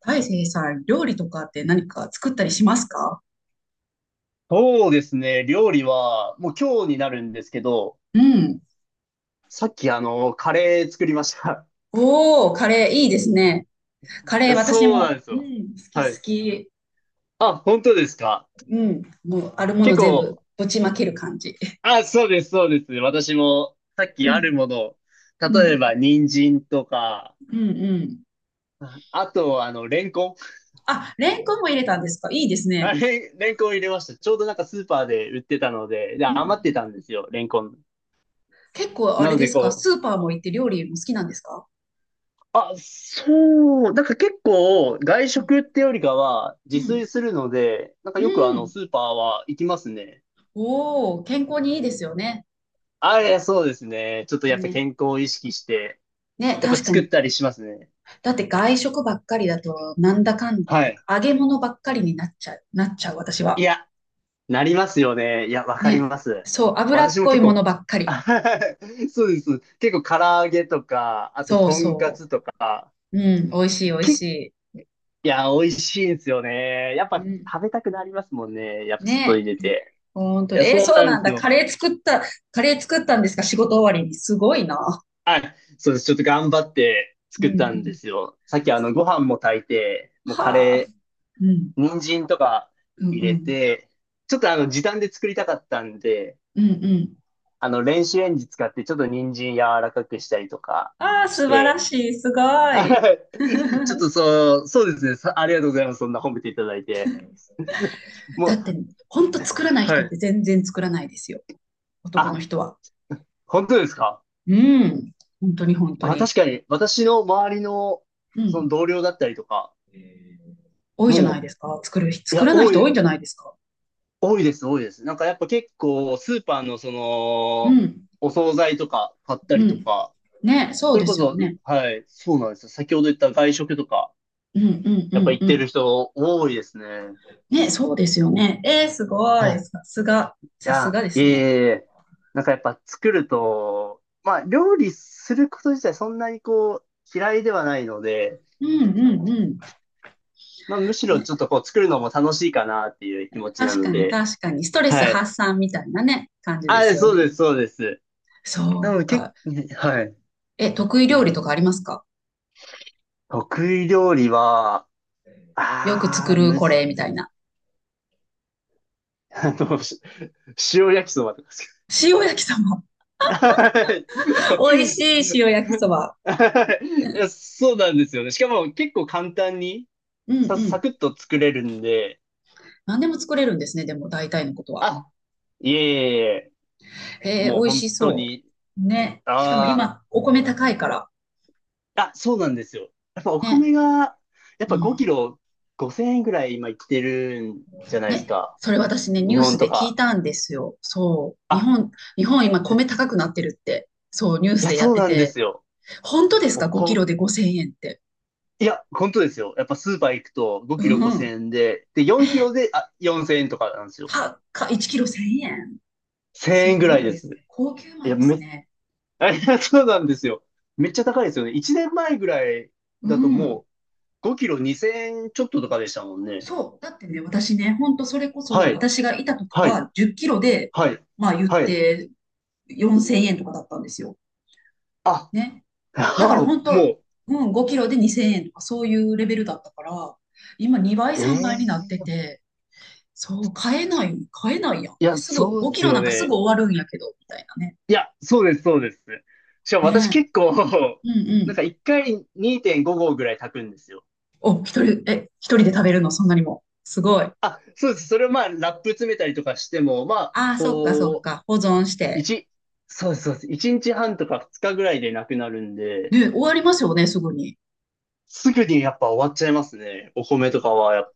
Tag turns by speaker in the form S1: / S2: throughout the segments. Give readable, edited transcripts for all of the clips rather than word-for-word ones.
S1: 大成さん、料理とかって何か作ったりしますか？
S2: そうですね。料理は、もう今日になるんですけど、
S1: うん。
S2: さっきカレー作りました。
S1: おー、カレーいいですね。
S2: い
S1: カレー
S2: や、
S1: 私
S2: そうなん
S1: も、
S2: です
S1: う
S2: よ。
S1: ん、好き
S2: は
S1: 好
S2: い。
S1: き。
S2: あ、本当ですか？
S1: うん、もうあるも
S2: 結
S1: の全部
S2: 構、
S1: ぶちまける感じ。
S2: あ、そうです、そうです。私も、さっ
S1: う
S2: きあ
S1: ん、
S2: るものを、
S1: う
S2: 例え
S1: ん、
S2: ば、人参とか、
S1: うん。
S2: あと、レンコン。
S1: あ、レンコンも入れたんですか？いいです
S2: あ
S1: ね。
S2: れ、レンコン入れました。ちょうどなんかスーパーで売ってたので、で、
S1: う
S2: 余って
S1: ん。
S2: たんですよ、レンコン。
S1: 結構あ
S2: な
S1: れ
S2: の
S1: で
S2: で、
S1: すか？
S2: こ
S1: ス
S2: う、
S1: ーパーも行って料理も好きなんですか？
S2: あ、そう。なんか結構外
S1: うん、
S2: 食ってよりかは
S1: う
S2: 自炊
S1: ん、
S2: するので、なんか
S1: う
S2: よく
S1: ん。
S2: スーパーは行きますね。
S1: おー、健康にいいですよね。
S2: あ、いや、そうですね。ちょっとやっぱ
S1: ね。
S2: 健康を意識して、
S1: ね、
S2: やっぱ
S1: 確か
S2: 作っ
S1: に。
S2: たりしますね。
S1: だって外食ばっかりだと、なんだかんで、
S2: はい。
S1: 揚げ物ばっかりになっちゃう、なっちゃう、私
S2: い
S1: は。
S2: や、なりますよね。いや、わかり
S1: ね。
S2: ます。
S1: そう、脂っ
S2: 私も
S1: こい
S2: 結
S1: も
S2: 構、
S1: のばっか
S2: あ
S1: り。
S2: はは、そうです。結構唐揚げとか、あと
S1: そう
S2: とんか
S1: そ
S2: つとか、
S1: う。うん、美味しい、美味
S2: い
S1: し
S2: や、美味しいんですよね。やっ
S1: い。
S2: ぱ
S1: うん。
S2: 食べたくなりますもんね。やっぱ外に
S1: ね。
S2: 出て。
S1: ほんと。
S2: いや、そう
S1: そう
S2: なん
S1: なん
S2: です
S1: だ。カ
S2: よ。
S1: レー作った、カレー作ったんですか？仕事終わりに。すごいな。
S2: そうです。ちょっと頑張って
S1: うん
S2: 作
S1: う
S2: ったん
S1: ん。
S2: ですよ。さっきご飯も炊いて、もうカ
S1: はあ。
S2: レ
S1: うん、
S2: ー、人参とか
S1: うん、
S2: 入
S1: う
S2: れ
S1: ん。
S2: て、ちょっと時短で作りたかったんで、
S1: うんうん。
S2: 電子レンジ使って、ちょっと人参柔らかくしたりとか
S1: ああ、
S2: し
S1: 素晴ら
S2: て、
S1: しい。すご
S2: は
S1: い。
S2: い。ちょっと そうですね。ありがとうございます。そんな褒めていただいて。も
S1: だ
S2: う、
S1: って、ほんと作らない
S2: は
S1: 人っ
S2: い。
S1: て全然作らないですよ。男の
S2: あ、
S1: 人は。
S2: 本当ですか？
S1: うん。本当に本当
S2: あ、
S1: に。
S2: 確かに、私の周りの、
S1: う
S2: その
S1: ん。
S2: 同僚だったりとか、
S1: えー多いじゃない
S2: も
S1: ですか。作る人、
S2: う、い
S1: 作
S2: や、
S1: らない人多いんじゃないですか。
S2: 多いです、多いです。なんかやっぱ結構、スーパーのそ
S1: う
S2: の、
S1: ん。
S2: お惣菜とか買った
S1: う
S2: りと
S1: ん。
S2: か、
S1: ね、そう
S2: それ
S1: で
S2: こ
S1: すよ
S2: そ、
S1: ね。
S2: はい、そうなんですよ。先ほど言った外食とか、
S1: うんうんう
S2: やっぱ
S1: ん
S2: 行っ
S1: う
S2: て
S1: ん。
S2: る人多いですね。
S1: ね、そうですよね。すご
S2: は
S1: い。
S2: い。い
S1: さすが。さす
S2: や、
S1: がで
S2: いえ
S1: す
S2: い
S1: ね。
S2: えいえ、なんかやっぱ作ると、まあ料理すること自体そんなにこう、嫌いではないので、
S1: うんうんう
S2: まあむし
S1: ん。
S2: ろ
S1: ね、
S2: ちょっとこう作るのも楽しいかなっていう気持ちな
S1: 確
S2: の
S1: かに
S2: で、
S1: 確かに。ストレス
S2: はい。
S1: 発散みたいなね、感じです
S2: あ、
S1: よ
S2: そうで
S1: ね。
S2: す、そうです。
S1: そ
S2: な
S1: う
S2: ので結
S1: か。
S2: 構、はい。
S1: え、得意料理とかありますか？
S2: 得意料理は、
S1: よく
S2: あ
S1: 作
S2: あ、
S1: る
S2: む
S1: こ
S2: ず、
S1: れみたいな。
S2: あの、し塩焼きそばとかですけど。
S1: 塩焼きそば。美味しい塩焼きそば。
S2: はい、いや、そうなんですよね。しかも結構簡単に
S1: うんう
S2: サ
S1: ん。
S2: クッと作れるんで、
S1: 何でも作れるんですね、でも大体のことは。
S2: あ、いえいえいえ、
S1: ええ、美
S2: もう
S1: 味
S2: 本
S1: し
S2: 当
S1: そ
S2: に、
S1: う。ね。しかも
S2: あ
S1: 今、お米高いから。
S2: あ、あ、そうなんですよ。やっぱお
S1: ね。
S2: 米が、やっ
S1: う
S2: ぱ5キ
S1: ん。
S2: ロ5000円ぐらい今いってるんじゃないです
S1: ね。
S2: か。
S1: それ私ね、ニ
S2: 日
S1: ュー
S2: 本
S1: ス
S2: と
S1: で聞い
S2: か。
S1: たんですよ。そう。日
S2: あ、
S1: 本、日本今米高くなってるって。そう、ニュース
S2: いや、
S1: でやっ
S2: そう
S1: て
S2: なんで
S1: て。
S2: すよ。
S1: 本当です
S2: お
S1: か？ 5 キ
S2: こ、
S1: ロで5000円って。
S2: いや、本当ですよ。やっぱスーパー行くと5キ
S1: う
S2: ロ5000
S1: ん。
S2: 円で、で、4キロで、あ、4000円とかなんですよ。
S1: たか、1キロ1000円。す
S2: 1000円ぐ
S1: ご
S2: らい
S1: い
S2: で
S1: で
S2: す。
S1: すね。高級
S2: い
S1: 米
S2: や、
S1: ですね。
S2: あ、いや、そうなんですよ。めっちゃ高いですよね。1年前ぐらい
S1: う
S2: だとも
S1: ん。
S2: う5キロ2000円ちょっととかでしたもんね。
S1: そう。だってね、私ね、本当それこそ、
S2: はい、
S1: 私がいた時
S2: はい、
S1: は10キロで、
S2: はい、
S1: まあ言っ
S2: はい。
S1: て4000円とかだったんですよ。
S2: あ、
S1: ね。だから
S2: あ、
S1: 本
S2: も
S1: 当、
S2: う、
S1: うん、5キロで2000円とかそういうレベルだったから、今2倍、3倍になっ
S2: ええ、
S1: てて、そう、買えない、買えないやんっ
S2: い
S1: て、
S2: や、
S1: すぐ
S2: そう
S1: 5
S2: で
S1: キ
S2: す
S1: ロな
S2: よ
S1: んかすぐ
S2: ね。
S1: 終わるんやけど、みたいなね。
S2: いや、そうです、そうです。しかも私
S1: ね
S2: 結構、
S1: え。うんう
S2: なん
S1: ん。
S2: か1回2.5合ぐらい炊くんですよ。
S1: お、一人、え、一人で食べるの、そんなにも。すごい。
S2: あ、そうです。それをまあ、ラップ詰めたりとかしても、まあ、
S1: ああ、そっかそっ
S2: こう、
S1: か。保存して。
S2: 一、そうです、そうです。一日半とか二日ぐらいでなくなるんで、
S1: ね、終わりますよね、すぐに。
S2: すぐにやっぱ終わっちゃいますね。お米とかは、やっ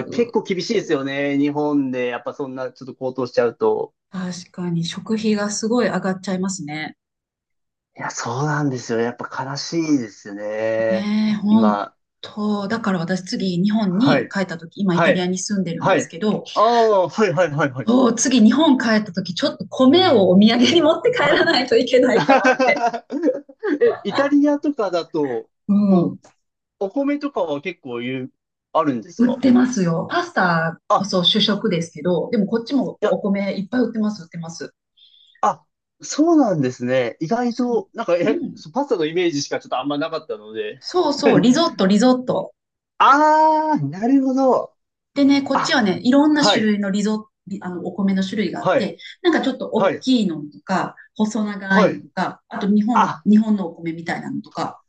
S1: う
S2: 結
S1: ん。
S2: 構厳しいですよね。日本で、やっぱそんなちょっと高騰しちゃうと。
S1: 確かに食費がすごい上がっちゃいますね。
S2: いや、そうなんですよ。やっぱ悲しいですね。
S1: ねえ、本
S2: 今。
S1: 当。だから私次日本
S2: は
S1: に
S2: い。
S1: 帰った時、今イ
S2: は
S1: タリア
S2: い。
S1: に住んでるん
S2: は
S1: です
S2: い。
S1: けど、
S2: ああ、はい、はい、はい、はい。
S1: そう、次日本帰った時、ちょっと米をお土産に持って帰
S2: は
S1: ら
S2: い。
S1: ないといけないかなって。
S2: え、イタリアとかだと、
S1: う
S2: こ
S1: ん。
S2: う、お米とかは結構あるんです
S1: 売っ
S2: か？
S1: てますよ。パスタこ
S2: あ、
S1: そ主食ですけど、でもこっちも
S2: いや、
S1: お米いっぱい売ってます、売ってます。
S2: あ、そうなんですね。意外
S1: そ
S2: と、なんか、
S1: う。う
S2: え、
S1: ん。
S2: そうパスタのイメージしかちょっとあんまなかったので。
S1: そう そう、リゾット、リゾット。
S2: あー、なるほど。
S1: でね、こっち
S2: あ、
S1: はね、いろんな
S2: は
S1: 種
S2: い、
S1: 類のリゾ、あの、お米の種類があっ
S2: はい、
S1: て、ちょっと
S2: は
S1: 大
S2: い、
S1: きいのとか、細長い
S2: は
S1: の
S2: い。
S1: とか、あと日本、
S2: あ、
S1: 日本のお米みたいなのとか、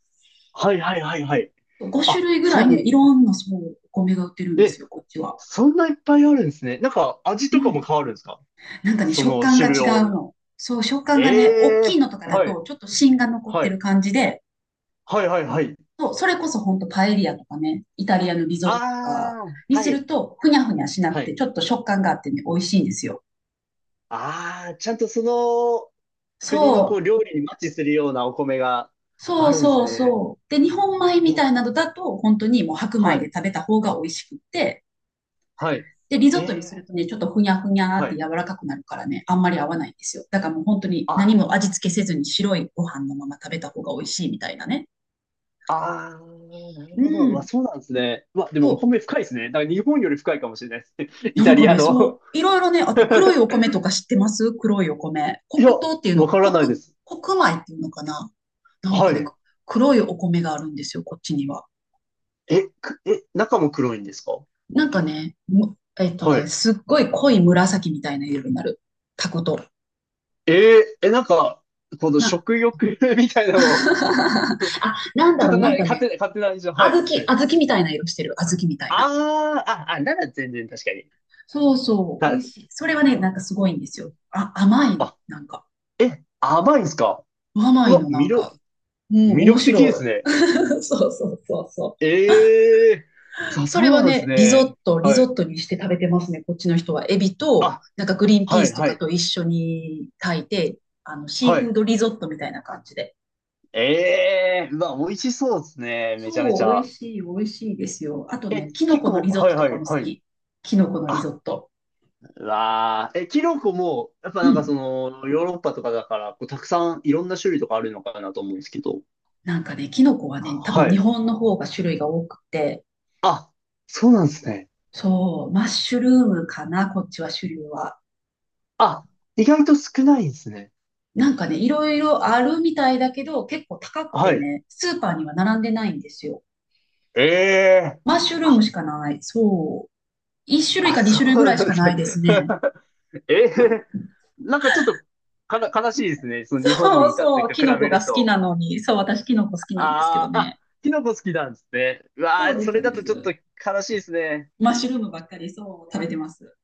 S2: はい、はい、はい、はい。
S1: 5種
S2: あ、
S1: 類ぐらいね、いろんなそう、お米が売ってるんです
S2: え、
S1: よ、こっちは。
S2: そんないっぱいあるんですね。なんか、味
S1: う
S2: とかも
S1: ん。
S2: 変わるんですか？
S1: なんかね、
S2: そ
S1: 食
S2: の
S1: 感が
S2: 種類
S1: 違う
S2: を。
S1: の。そう、食感
S2: え
S1: がね、大
S2: え
S1: きい
S2: ー、
S1: のとかだ
S2: はい、
S1: と、ちょっと芯が残っ
S2: は
S1: てる
S2: い、
S1: 感じで、
S2: はい、はい、はい。
S1: そう、それこそほんとパエリアとかね、イタリアのリゾットとか
S2: あー、
S1: に
S2: は
S1: する
S2: い、
S1: と、ふにゃふにゃしなく
S2: は
S1: て、
S2: い。
S1: ちょっと食感があってね、美味しいんですよ。
S2: ああ、ちゃんとその国のこう
S1: そう、
S2: 料理にマッチするようなお米が
S1: そ
S2: あ
S1: う
S2: るんです
S1: そう
S2: ね。
S1: そう。で、日本米み
S2: え、
S1: たいなのだと、本当にもう白米
S2: は
S1: で
S2: い、
S1: 食べた方が美味しくって、
S2: はい。
S1: で、リゾ
S2: え
S1: ットにする
S2: え、
S1: とね、ちょっとふにゃふにゃっ
S2: は
S1: て
S2: い。
S1: 柔らかくなるからね、あんまり合わないんですよ。だからもう本当に何
S2: あ、
S1: も味付けせずに白いご飯のまま食べた方が美味しいみたいなね。
S2: ああ、なる
S1: う
S2: ほど。うわ、
S1: ん。
S2: そうなんですね。うわ、でも
S1: そ
S2: お
S1: う。
S2: 米深いですね。だから日本より深いかもしれないです。イ
S1: な
S2: タ
S1: んか
S2: リア
S1: ね、そ
S2: の。
S1: う、いろいろね、あって、黒いお米とか知ってます？黒いお米。
S2: いや、
S1: 黒糖っていうの、
S2: わから
S1: 黒、
S2: ないです。
S1: 黒米っていうのかな？なん
S2: は
S1: かね、
S2: い。
S1: 黒いお米があるんですよ、こっちには。
S2: え、え、中も黒いんですか？
S1: なんかね、
S2: はい。
S1: ね、すっごい濃い紫みたいな色になる。タコと。
S2: えー、え、なんか、この
S1: な、
S2: 食欲 みたい なの、
S1: あ、なん
S2: ち
S1: だ
S2: ょっ
S1: ろ
S2: と
S1: う、
S2: な、
S1: なんかね、
S2: 勝手な印象。は
S1: 小
S2: い。
S1: 豆、小豆みたいな色してる。小豆みたいな。
S2: ああ、あ、あ、なら全然確かに。
S1: そうそう、美
S2: た
S1: 味しい。それはね、
S2: あ、
S1: なんかすごいんですよ。あ、甘いの、
S2: あ
S1: なんか。
S2: え、甘いんすか？
S1: 甘
S2: う
S1: い
S2: わ、
S1: の、なんか。うん、
S2: 魅
S1: 面
S2: 力的で
S1: 白
S2: す
S1: い。
S2: ね。
S1: そうそうそうそう。
S2: ええー、
S1: そ
S2: そ
S1: れ
S2: う
S1: は
S2: なんです
S1: ね、リゾッ
S2: ね。
S1: ト、リ
S2: は
S1: ゾ
S2: い。
S1: ットにして食べてますね、こっちの人は。エビと、
S2: あ、
S1: なんかグリーンピ
S2: は
S1: ー
S2: い、
S1: スと
S2: は
S1: か
S2: い、
S1: と一緒に炊いて、あの、シー
S2: は
S1: フー
S2: い。
S1: ドリゾットみたいな感じで。
S2: ええー、うわ、美味しそうですね。めちゃめち
S1: そう、美味
S2: ゃ。
S1: しい、美味しいですよ。あとね、
S2: え、
S1: キノ
S2: 結
S1: コの
S2: 構、
S1: リゾッ
S2: は
S1: ト
S2: い、
S1: と
S2: は
S1: か
S2: い、
S1: も好
S2: はい。
S1: き。キノコのリゾ
S2: あ、
S1: ット。
S2: うわー、え、キノコも、やっぱ
S1: う
S2: なんか
S1: ん。
S2: その、ヨーロッパとかだから、こう、たくさんいろんな種類とかあるのかなと思うんですけど。
S1: なんかね、キノコはね、多分
S2: は
S1: 日
S2: い。
S1: 本の方が種類が多くて、
S2: あ、そうなんですね。
S1: そう、マッシュルームかな、こっちは種類は。
S2: あ、意外と少ないんですね。
S1: なんかね、いろいろあるみたいだけど、結構高く
S2: は
S1: て
S2: い。
S1: ね、スーパーには並んでないんですよ。
S2: ええー。
S1: マッシュルーム
S2: あ、
S1: しかない。そう。1種類
S2: あ、
S1: か2
S2: そ
S1: 種類ぐ
S2: う
S1: らいし
S2: なんで
S1: か
S2: す
S1: な
S2: ね。
S1: いですね。
S2: ええー。なんかちょっと、かな、悲しいですね。その日本に
S1: そ
S2: い
S1: う
S2: た
S1: そ
S2: 時
S1: う、
S2: と比
S1: キノコ
S2: べ
S1: が
S2: る
S1: 好き
S2: と。
S1: なのに、そう、私キノコ好きなんですけど
S2: ああ、あ、
S1: ね。
S2: キノコ好きなんですね。うわ
S1: そう
S2: あ、
S1: です、
S2: それ
S1: そう
S2: だ
S1: で
S2: とちょっと
S1: す。
S2: 悲しいですね。
S1: マッシュルームばっかりそう食べてます。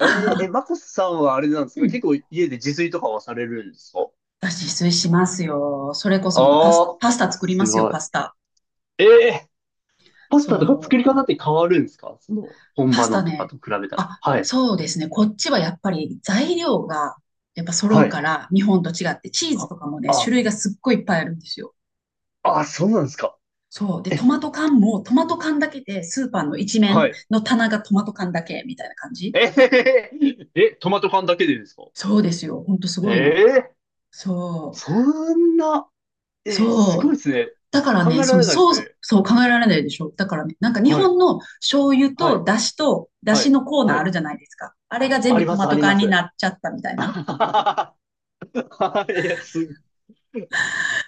S2: えー、え、マコスさんはあれなんです
S1: う
S2: か？
S1: ん。
S2: 結構家で自炊とかはされるんですか？
S1: 私、自炊しますよ。それこそもうパス、
S2: ああー、
S1: パスタ作りま
S2: す
S1: すよ、
S2: ごい。
S1: パスタ。
S2: ええー、パスタとか作
S1: そ
S2: り
S1: う。
S2: 方って変わるんですか？その、本
S1: パ
S2: 場
S1: ス
S2: の
S1: タ
S2: とか
S1: ね。
S2: と比べたら。
S1: あ、
S2: はい。
S1: そうですね。こっちはやっぱり材料がやっぱ揃
S2: は
S1: うか
S2: い。
S1: ら、日本と違って、チーズ
S2: あ、
S1: とかもね、種
S2: あ、
S1: 類がすっごいいっぱいあるんですよ。
S2: あ、そうなんですか？
S1: そう。で、ト
S2: え、
S1: マト缶も、トマト缶だけで、スーパーの一
S2: は
S1: 面
S2: い。
S1: の棚がトマト缶だけ、みたいな感じ。
S2: えへへ、へえ、トマト缶だけでですか？
S1: そうですよ。ほんとす
S2: え
S1: ごいの。
S2: え、
S1: そ
S2: そんな、
S1: う。
S2: え、すご
S1: そ
S2: い
S1: う。
S2: ですね。
S1: だから
S2: 考
S1: ね、
S2: え
S1: そ
S2: ら
S1: の、
S2: れないで
S1: そ
S2: す
S1: う、
S2: ね。
S1: そう考えられないでしょ。だからね、なんか日
S2: はい、
S1: 本の醤油
S2: は
S1: と
S2: い、
S1: 出汁と、出
S2: は
S1: 汁
S2: い、
S1: のコーナ
S2: は
S1: ーあ
S2: い。
S1: るじゃないですか。あれが全
S2: あ
S1: 部
S2: り
S1: ト
S2: ます、
S1: マ
S2: あ
S1: ト
S2: り
S1: 缶
S2: ま
S1: に
S2: す。
S1: なっちゃったみた いな。
S2: はい、いやす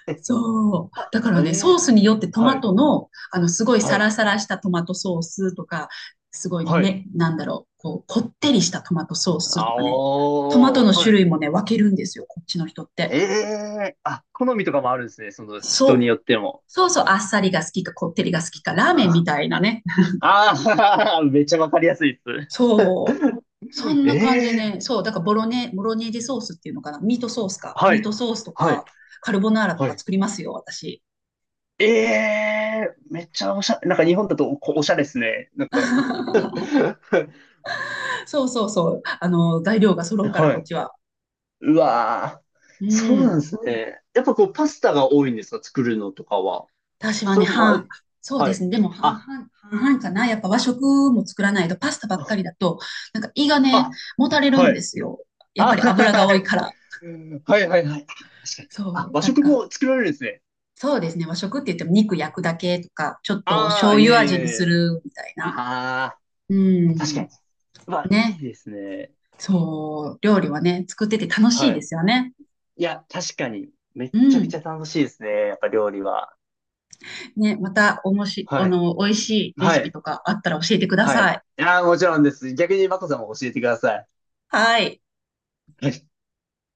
S2: え、
S1: そ う。
S2: あ、
S1: だか
S2: え
S1: らね、ソー
S2: ー、
S1: スによってト
S2: は
S1: マ
S2: い、
S1: トの、あの、すごい
S2: は
S1: サ
S2: い、
S1: ラサラしたトマトソースとか、すごい
S2: はい。
S1: ね、なんだろう、こう、こってりしたトマトソースと
S2: あ、
S1: かね、トマト
S2: お
S1: の
S2: ー、は
S1: 種
S2: い。
S1: 類もね、分けるんですよ、こっちの人っ
S2: え
S1: て。
S2: え、あ、好みとかもあるんですね。その人に
S1: そう。
S2: よっても。
S1: そうそう、あっさりが好きか、こってりが好きか、ラーメンみたいなね、
S2: ああー、めっちゃわかりやすいです。
S1: そう。そんな感じで
S2: ええ、
S1: ね。そう。だからボロネ、ボロネーゼソースっていうのかな。ミートソースか。
S2: は
S1: ミート
S2: い。
S1: ソースと
S2: は
S1: か、
S2: い。
S1: カルボナーラと
S2: は
S1: か
S2: い。
S1: 作りますよ、私。
S2: ええ、めっちゃおしゃれ、なんか日本だとこうおしゃれですね。なんか
S1: そうそうそう。あの、材料が揃うから、
S2: は
S1: こっ
S2: い。
S1: ちは。
S2: うわー。
S1: う
S2: そうなん
S1: ん。
S2: ですね。やっぱこうパスタが多いんですか？作るのとかは。
S1: 私は
S2: そ
S1: ね、
S2: れも、まあ、
S1: 半、そうで
S2: はい。
S1: すね。でも半々、
S2: あ、
S1: 半々かな。やっぱ和食も作らないと、パスタばっかりだと、なんか胃がね、
S2: あ、
S1: もたれる
S2: は
S1: んで
S2: い。
S1: すよ。やっぱ
S2: あ、
S1: り
S2: は
S1: 油が多いから。
S2: いはいはいはい。あ、確かに。あ、
S1: そう。
S2: 和
S1: だ
S2: 食
S1: から、
S2: も作られるんですね。
S1: そうですね。和食って言っても肉焼くだけとか、ちょっと
S2: あ
S1: 醤
S2: あ、い
S1: 油
S2: えい
S1: 味に
S2: えい
S1: す
S2: え。
S1: るみたいな。
S2: ああ、
S1: う
S2: 確か
S1: ん。
S2: に。まあ、いい
S1: ね。
S2: ですね。
S1: そう、料理はね、作ってて楽しい
S2: は
S1: で
S2: い。
S1: すよね。
S2: いや、確かに、めっ
S1: う
S2: ちゃくちゃ
S1: ん。
S2: 楽しいですね。やっぱ料理は。
S1: ね、また、おもし、あ
S2: はい。
S1: の、美味しいレ
S2: は
S1: シピ
S2: い。
S1: とかあったら教えてくだ
S2: は
S1: さ
S2: い。
S1: い。
S2: ああ、もちろんです。逆にマコさんも教えてください。
S1: はい。
S2: はい